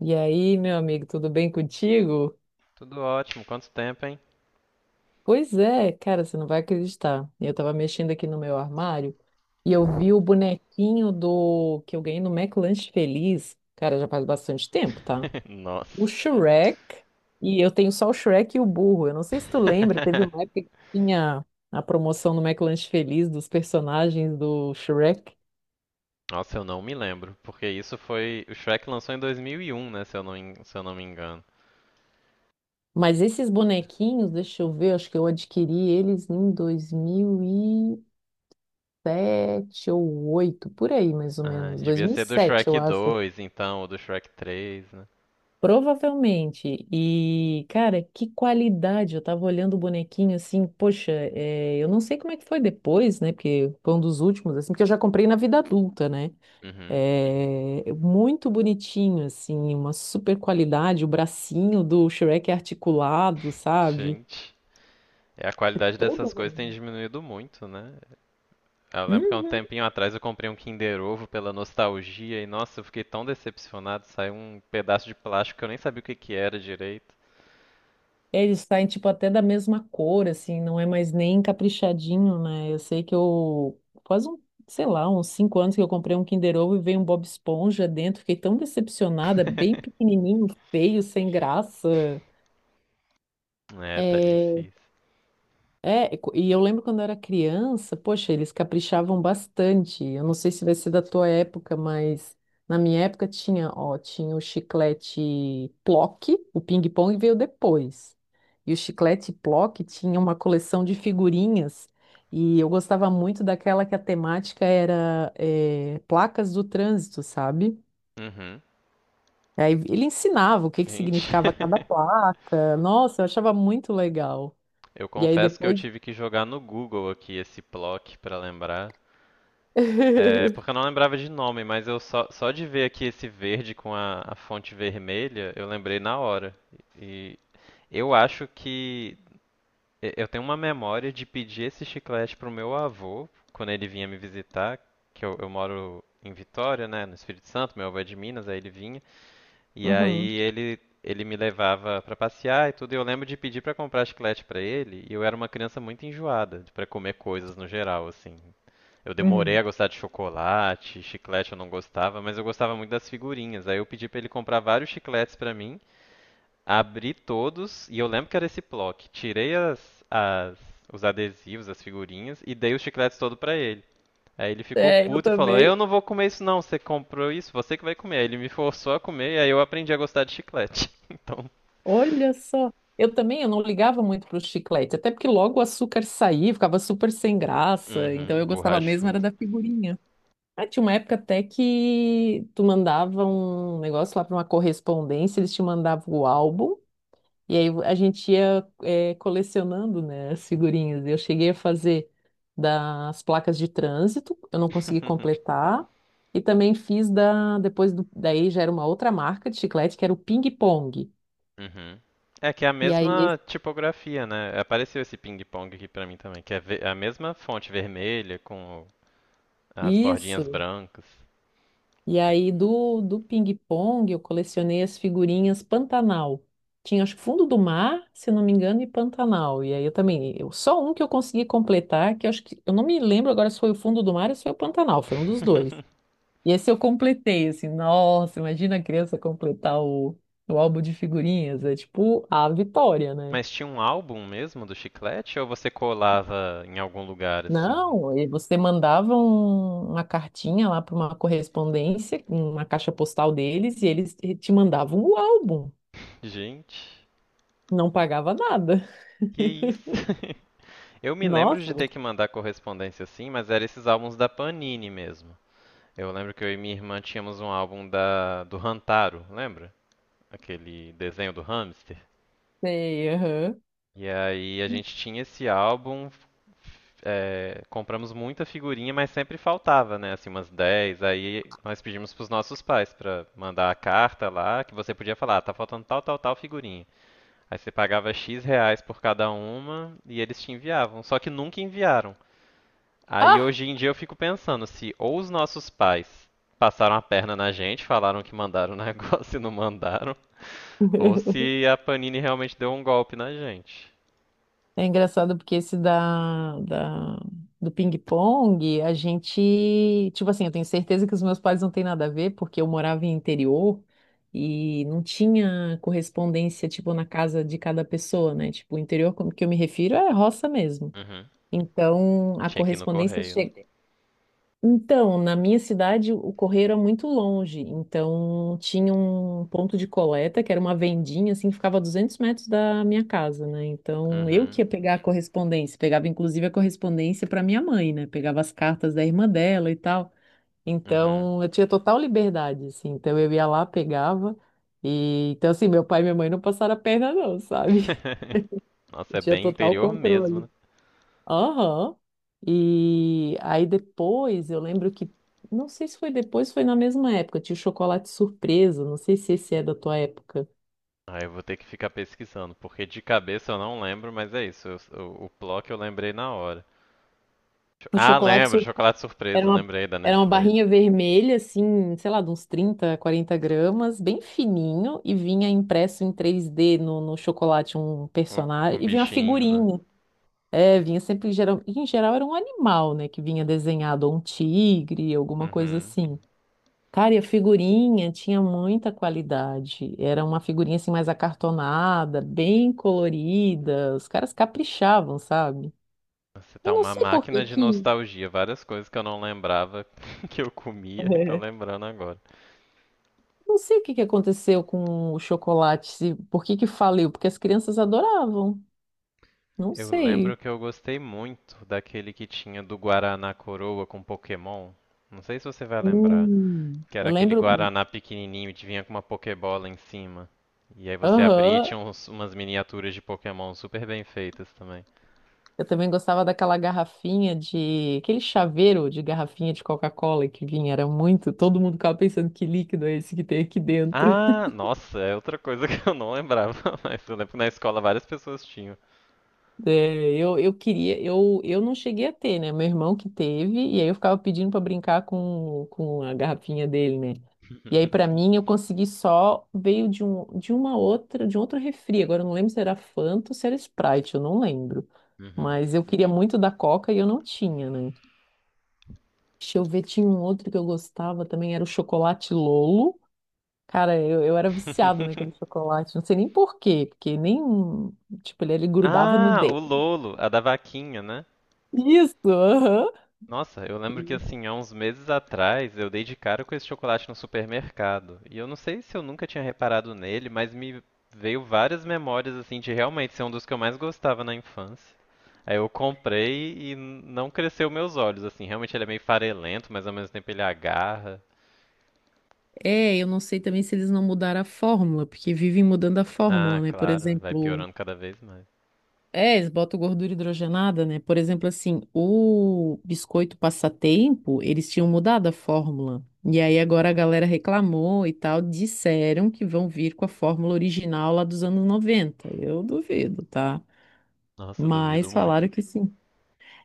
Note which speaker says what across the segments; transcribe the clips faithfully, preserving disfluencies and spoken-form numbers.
Speaker 1: E aí, meu amigo, tudo bem contigo?
Speaker 2: Tudo ótimo. Quanto tempo, hein?
Speaker 1: Pois é, cara, você não vai acreditar. Eu tava mexendo aqui no meu armário e eu vi o bonequinho do que eu ganhei no McLanche Feliz. Cara, já faz bastante tempo, tá?
Speaker 2: Nossa.
Speaker 1: O Shrek. E eu tenho só o Shrek e o burro. Eu não sei se tu lembra, teve uma época que tinha a promoção no McLanche Feliz dos personagens do Shrek.
Speaker 2: Nossa, eu não me lembro, porque isso foi. O Shrek lançou em dois mil e um, né? Se eu não, se eu não me engano.
Speaker 1: Mas esses bonequinhos, deixa eu ver, acho que eu adquiri eles em dois mil e sete ou oito, por aí mais ou
Speaker 2: Ah,
Speaker 1: menos,
Speaker 2: devia ser do
Speaker 1: dois mil e sete, eu
Speaker 2: Shrek
Speaker 1: acho.
Speaker 2: dois, então, ou do Shrek três, né?
Speaker 1: Provavelmente. E, cara, que qualidade! Eu tava olhando o bonequinho assim, poxa, é, eu não sei como é que foi depois, né? Porque foi um dos últimos, assim, porque eu já comprei na vida adulta, né?
Speaker 2: Uhum.
Speaker 1: É, muito bonitinho, assim, uma super qualidade. O bracinho do Shrek é articulado, sabe?
Speaker 2: Gente. É a qualidade dessas
Speaker 1: Todo.
Speaker 2: coisas tem diminuído muito, né? Eu lembro que há um tempinho atrás eu comprei um Kinder Ovo pela nostalgia e, nossa, eu fiquei tão decepcionado. Saiu um pedaço de plástico que eu nem sabia o que que era direito.
Speaker 1: Eles saem, tipo, até da mesma cor, assim, não é mais nem caprichadinho, né? Eu sei que eu, faz um, sei lá, uns cinco anos que eu comprei um Kinder Ovo e veio um Bob Esponja dentro, fiquei tão decepcionada, bem pequenininho, feio, sem graça.
Speaker 2: É, tá
Speaker 1: É,
Speaker 2: difícil.
Speaker 1: é, e co- e eu lembro quando eu era criança, poxa, eles caprichavam bastante. Eu não sei se vai ser da tua época, mas na minha época tinha, ó, tinha o chiclete Plock, o ping-pong veio depois. E o chiclete Plock tinha uma coleção de figurinhas e eu gostava muito daquela que a temática era eh, placas do trânsito, sabe?
Speaker 2: Uhum.
Speaker 1: Aí ele ensinava o que que
Speaker 2: Gente,
Speaker 1: significava cada placa. Nossa, eu achava muito legal.
Speaker 2: eu
Speaker 1: E aí
Speaker 2: confesso que eu
Speaker 1: depois.
Speaker 2: tive que jogar no Google aqui esse Plock pra lembrar. É, porque eu não lembrava de nome, mas eu só, só de ver aqui esse verde com a, a fonte vermelha, eu lembrei na hora. E eu acho que e- eu tenho uma memória de pedir esse chiclete pro meu avô quando ele vinha me visitar, que eu, eu moro em Vitória, né, no Espírito Santo, meu avô é de Minas, aí ele vinha. E
Speaker 1: Uhum.
Speaker 2: aí ele ele me levava pra passear e tudo, e eu lembro de pedir pra comprar chiclete pra ele, e eu era uma criança muito enjoada pra comer coisas no geral, assim. Eu demorei
Speaker 1: Uhum.
Speaker 2: a gostar de chocolate, chiclete eu não gostava, mas eu gostava muito das figurinhas. Aí eu pedi pra ele comprar vários chicletes pra mim, abri todos, e eu lembro que era esse bloco. Tirei as, as- os adesivos, as figurinhas, e dei os chicletes todo pra ele. Aí ele ficou
Speaker 1: É, eu
Speaker 2: puto e falou:
Speaker 1: também.
Speaker 2: "Eu não vou comer isso, não. Você comprou isso, você que vai comer." Aí ele me forçou a comer e aí eu aprendi a gostar de chiclete. Então,
Speaker 1: Olha só. Eu também, eu não ligava muito para o chiclete, até porque logo o açúcar saía, ficava super sem graça, então
Speaker 2: uhum,
Speaker 1: eu gostava mesmo era
Speaker 2: borrachudo.
Speaker 1: da figurinha. Ah, tinha uma época até que tu mandava um negócio lá para uma correspondência, eles te mandavam o álbum. E aí a gente ia eh, colecionando, né, as figurinhas. Eu cheguei a fazer das placas de trânsito, eu não consegui completar. E também fiz da, depois do, daí já era uma outra marca de chiclete, que era o Ping Pong.
Speaker 2: Uhum. É que é a
Speaker 1: E aí, esse-
Speaker 2: mesma tipografia, né? Apareceu esse ping-pong aqui pra mim também, que é ve- é a mesma fonte vermelha com as bordinhas
Speaker 1: isso.
Speaker 2: brancas.
Speaker 1: E aí do, do, Ping Pong eu colecionei as figurinhas Pantanal. Tinha, acho que Fundo do Mar, se não me engano, e Pantanal. E aí eu também, eu, só um que eu consegui completar, que eu acho que, eu não me lembro agora se foi o Fundo do Mar ou se foi o Pantanal, foi um dos dois. E esse eu completei, assim, nossa, imagina a criança completar o, o, álbum de figurinhas, é tipo a vitória, né?
Speaker 2: Mas tinha um álbum mesmo do chiclete ou você colava em algum lugar assim?
Speaker 1: Não, e você mandava um- uma cartinha lá para uma correspondência, uma caixa postal deles, e eles te te mandavam o álbum,
Speaker 2: Gente,
Speaker 1: não pagava nada.
Speaker 2: que isso? Eu me lembro de
Speaker 1: Nossa,
Speaker 2: ter que mandar correspondência assim, mas eram esses álbuns da Panini mesmo. Eu lembro que eu e minha irmã tínhamos um álbum da do Rantaro, lembra? Aquele desenho do hamster.
Speaker 1: sei, aham.
Speaker 2: E aí a gente tinha esse álbum, é, compramos muita figurinha, mas sempre faltava, né? Assim, umas dez. Aí nós pedimos pros nossos pais pra mandar a carta lá, que você podia falar: "Ah, tá faltando tal, tal, tal figurinha. Aí você pagava X reais por cada uma e eles te enviavam." Só que nunca enviaram. Aí
Speaker 1: Ah!
Speaker 2: hoje em dia eu fico pensando se ou os nossos pais passaram a perna na gente, falaram que mandaram o negócio e não mandaram, ou se a Panini realmente deu um golpe na gente.
Speaker 1: É engraçado porque esse da, da- do ping-pong, a gente, tipo assim, eu tenho certeza que os meus pais não têm nada a ver, porque eu morava em interior e não tinha correspondência, tipo, na casa de cada pessoa, né? Tipo, o interior, como que eu me refiro, é roça mesmo.
Speaker 2: Uhum.
Speaker 1: Então, a
Speaker 2: Tinha que ir no
Speaker 1: correspondência
Speaker 2: correio, né?
Speaker 1: chega. Então, na minha cidade, o correio era muito longe, então tinha um ponto de coleta, que era uma vendinha, assim, que ficava a 200 metros da minha casa, né? Então, eu
Speaker 2: Uhum.
Speaker 1: que ia pegar a correspondência, pegava inclusive a correspondência para minha mãe, né? Pegava as cartas da irmã dela e tal.
Speaker 2: Uhum.
Speaker 1: Então, eu tinha total liberdade, assim, então eu ia lá, pegava, e então, assim, meu pai e minha mãe não passaram a perna, não, sabe?
Speaker 2: Nossa,
Speaker 1: Eu
Speaker 2: é
Speaker 1: tinha
Speaker 2: bem
Speaker 1: total
Speaker 2: interior mesmo, né?
Speaker 1: controle. Aham. E aí depois, eu lembro que, não sei se foi depois, foi na mesma época, tinha o chocolate surpresa, não sei se esse é da tua época.
Speaker 2: Ah, eu vou ter que ficar pesquisando, porque de cabeça eu não lembro, mas é isso. eu- o, o Plock eu lembrei na hora. Cho-
Speaker 1: O
Speaker 2: Ah,
Speaker 1: chocolate
Speaker 2: lembro,
Speaker 1: surpresa
Speaker 2: chocolate
Speaker 1: era
Speaker 2: surpresa,
Speaker 1: uma,
Speaker 2: lembrei da
Speaker 1: era uma
Speaker 2: Nestlé.
Speaker 1: barrinha vermelha, assim, sei lá, de uns trinta, quarenta gramas, bem fininho, e vinha impresso em três d no, no, chocolate um
Speaker 2: Um, um
Speaker 1: personagem, e vinha uma
Speaker 2: bichinho, né?
Speaker 1: figurinha. É, vinha sempre, em geral, em geral era um animal, né, que vinha desenhado, ou um tigre, alguma coisa
Speaker 2: Uhum.
Speaker 1: assim. Cara, e a figurinha tinha muita qualidade. Era uma figurinha assim mais acartonada, bem colorida. Os caras caprichavam, sabe?
Speaker 2: Você tá
Speaker 1: Eu não
Speaker 2: uma
Speaker 1: sei por que
Speaker 2: máquina de
Speaker 1: que,
Speaker 2: nostalgia. Várias coisas que eu não lembrava que eu comia e tô
Speaker 1: é,
Speaker 2: lembrando agora.
Speaker 1: não sei o que que aconteceu com o chocolate, se- por que que faliu, porque as crianças adoravam. Não
Speaker 2: Eu lembro
Speaker 1: sei.
Speaker 2: que eu gostei muito daquele que tinha do Guaraná Coroa com Pokémon. Não sei se você vai lembrar.
Speaker 1: Hum.
Speaker 2: Que era
Speaker 1: Eu
Speaker 2: aquele
Speaker 1: lembro,
Speaker 2: Guaraná pequenininho e te vinha com uma Pokébola em cima. E aí você abria e
Speaker 1: aham,
Speaker 2: tinha uns- umas miniaturas de Pokémon super bem feitas também.
Speaker 1: eu também gostava daquela garrafinha de, aquele chaveiro de garrafinha de Coca-Cola que vinha, era muito, todo mundo ficava pensando que líquido é esse que tem aqui dentro.
Speaker 2: Ah, nossa, é outra coisa que eu não lembrava, mas eu lembro que na escola várias pessoas tinham.
Speaker 1: É, eu, eu queria, eu, eu não cheguei a ter, né? Meu irmão que teve, e aí eu ficava pedindo para brincar com, com a garrafinha dele, né? E aí para mim eu consegui só, veio de um, de uma outra, de um outro refri. Agora eu não lembro se era Fanta ou se era Sprite, eu não lembro.
Speaker 2: Uhum.
Speaker 1: Mas eu queria muito da Coca e eu não tinha, né? Deixa eu ver, tinha um outro que eu gostava também, era o chocolate Lolo. Cara, eu, eu, era viciada naquele chocolate, não sei nem por quê, porque nem, tipo, ele, ele grudava no
Speaker 2: Ah, o
Speaker 1: dente.
Speaker 2: Lolo, a da vaquinha, né?
Speaker 1: Isso, aham.
Speaker 2: Nossa, eu lembro que assim, há uns meses atrás, eu dei de cara com esse chocolate no supermercado. E eu não sei se eu nunca tinha reparado nele, mas me veio várias memórias assim de realmente ser um dos que eu mais gostava na infância. Aí eu comprei e n- não cresceu meus olhos, assim, realmente ele é meio farelento, mas ao mesmo tempo ele agarra.
Speaker 1: É, eu não sei também se eles não mudaram a fórmula, porque vivem mudando a
Speaker 2: Ah,
Speaker 1: fórmula, né? Por
Speaker 2: claro, vai
Speaker 1: exemplo,
Speaker 2: piorando cada vez mais.
Speaker 1: é, eles botam gordura hidrogenada, né? Por exemplo, assim, o biscoito passatempo, eles tinham mudado a fórmula. E aí agora a galera reclamou e tal, disseram que vão vir com a fórmula original lá dos anos noventa. Eu duvido, tá?
Speaker 2: Nossa, eu duvido
Speaker 1: Mas
Speaker 2: muito.
Speaker 1: falaram que sim.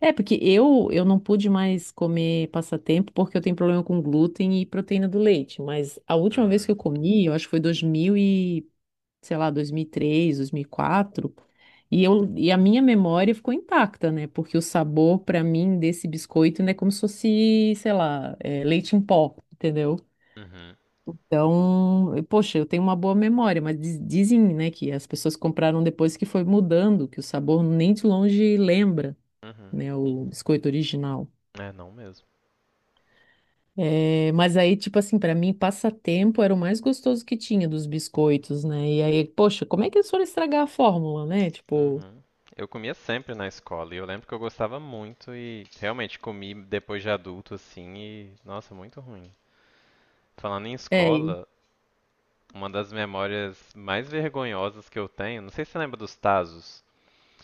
Speaker 1: É, porque eu, eu não pude mais comer passatempo porque eu tenho problema com glúten e proteína do leite. Mas a última vez
Speaker 2: Uhum,
Speaker 1: que eu comi, eu acho que foi dois mil e, sei lá, dois mil e três, dois mil e quatro. E, três, dois mil e quatro. E, eu, e a minha memória ficou intacta, né? Porque o sabor, pra mim, desse biscoito, né, é como se fosse, sei lá, é, leite em pó, entendeu?
Speaker 2: uhum,
Speaker 1: Então, eu- poxa, eu tenho uma boa memória, mas diz- dizem, né, que as pessoas compraram depois que foi mudando, que o sabor nem de longe lembra,
Speaker 2: uhum.
Speaker 1: né, o biscoito original.
Speaker 2: É, não mesmo.
Speaker 1: É, mas aí, tipo assim, pra mim, passatempo era o mais gostoso que tinha dos biscoitos, né? E aí, poxa, como é que eles foram estragar a fórmula, né? Tipo,
Speaker 2: Uhum. Eu comia sempre na escola e eu lembro que eu gostava muito e realmente comi depois de adulto assim e nossa, muito ruim. Falando em
Speaker 1: é, e
Speaker 2: escola, uma das memórias mais vergonhosas que eu tenho, não sei se você lembra dos Tazos.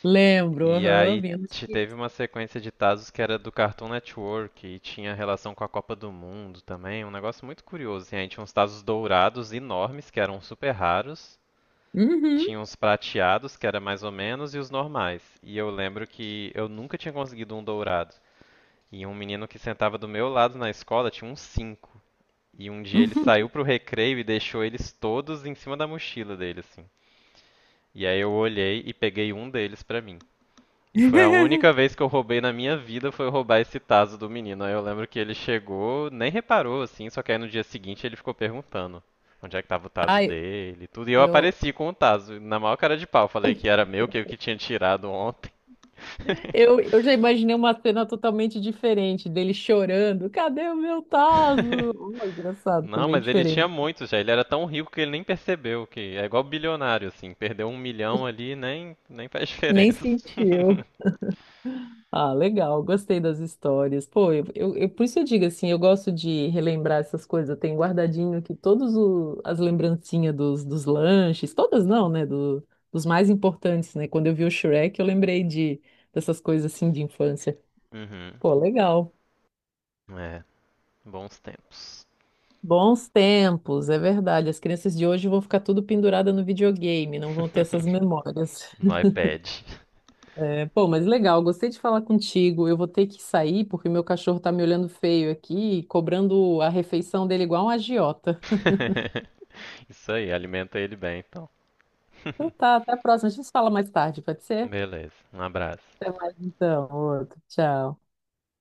Speaker 1: lembro,
Speaker 2: E
Speaker 1: aham,
Speaker 2: aí
Speaker 1: vinha nos
Speaker 2: te- teve
Speaker 1: chips.
Speaker 2: uma sequência de Tazos que era do Cartoon Network e tinha relação com a Copa do Mundo também, um negócio muito curioso. Assim, aí tinha uns Tazos dourados enormes que eram super raros.
Speaker 1: Uhum,
Speaker 2: Tinha uns prateados, que era mais ou menos, e os normais. E eu lembro que eu nunca tinha conseguido um dourado. E um menino que sentava do meu lado na escola tinha uns cinco. E um dia ele saiu
Speaker 1: uhum.
Speaker 2: pro recreio e deixou eles todos em cima da mochila dele, assim. E aí eu olhei e peguei um deles pra mim. E foi a única vez que eu roubei na minha vida foi roubar esse taso do menino. Aí eu lembro que ele chegou, nem reparou assim, só que aí no dia seguinte ele ficou perguntando onde é que tava o taso
Speaker 1: Ai,
Speaker 2: dele, e tudo. E eu
Speaker 1: eu,
Speaker 2: apareci com o taso, na maior cara de pau, falei que era meu, que eu que tinha tirado ontem.
Speaker 1: eu, eu já imaginei uma cena totalmente diferente dele chorando. Cadê o meu tazo? Oh, engraçado, foi
Speaker 2: Não,
Speaker 1: bem
Speaker 2: mas ele tinha
Speaker 1: diferente.
Speaker 2: muito já. Ele era tão rico que ele nem percebeu, que é igual bilionário, assim, perdeu um milhão ali nem nem faz
Speaker 1: Nem
Speaker 2: diferença.
Speaker 1: sentiu. Ah, legal, gostei das histórias. Pô, eu, eu- eu- por isso eu digo assim, eu gosto de relembrar essas coisas. Eu tenho guardadinho aqui todas o- as lembrancinhas dos, dos lanches, todas não, né? do- dos mais importantes, né? Quando eu vi o Shrek, eu lembrei de dessas coisas assim de infância.
Speaker 2: Uhum.
Speaker 1: Pô, legal.
Speaker 2: É, bons tempos.
Speaker 1: Bons tempos, é verdade. As crianças de hoje vão ficar tudo pendurada no videogame, não vão ter essas memórias.
Speaker 2: Pede.
Speaker 1: É, pô, mas legal, gostei de falar contigo. Eu vou ter que sair porque meu cachorro tá me olhando feio aqui, cobrando a refeição dele igual um agiota.
Speaker 2: Isso aí, alimenta ele bem, então.
Speaker 1: Então tá, até a próxima. A gente se fala mais tarde, pode ser?
Speaker 2: Beleza, um abraço.
Speaker 1: Até mais então, outro. Tchau.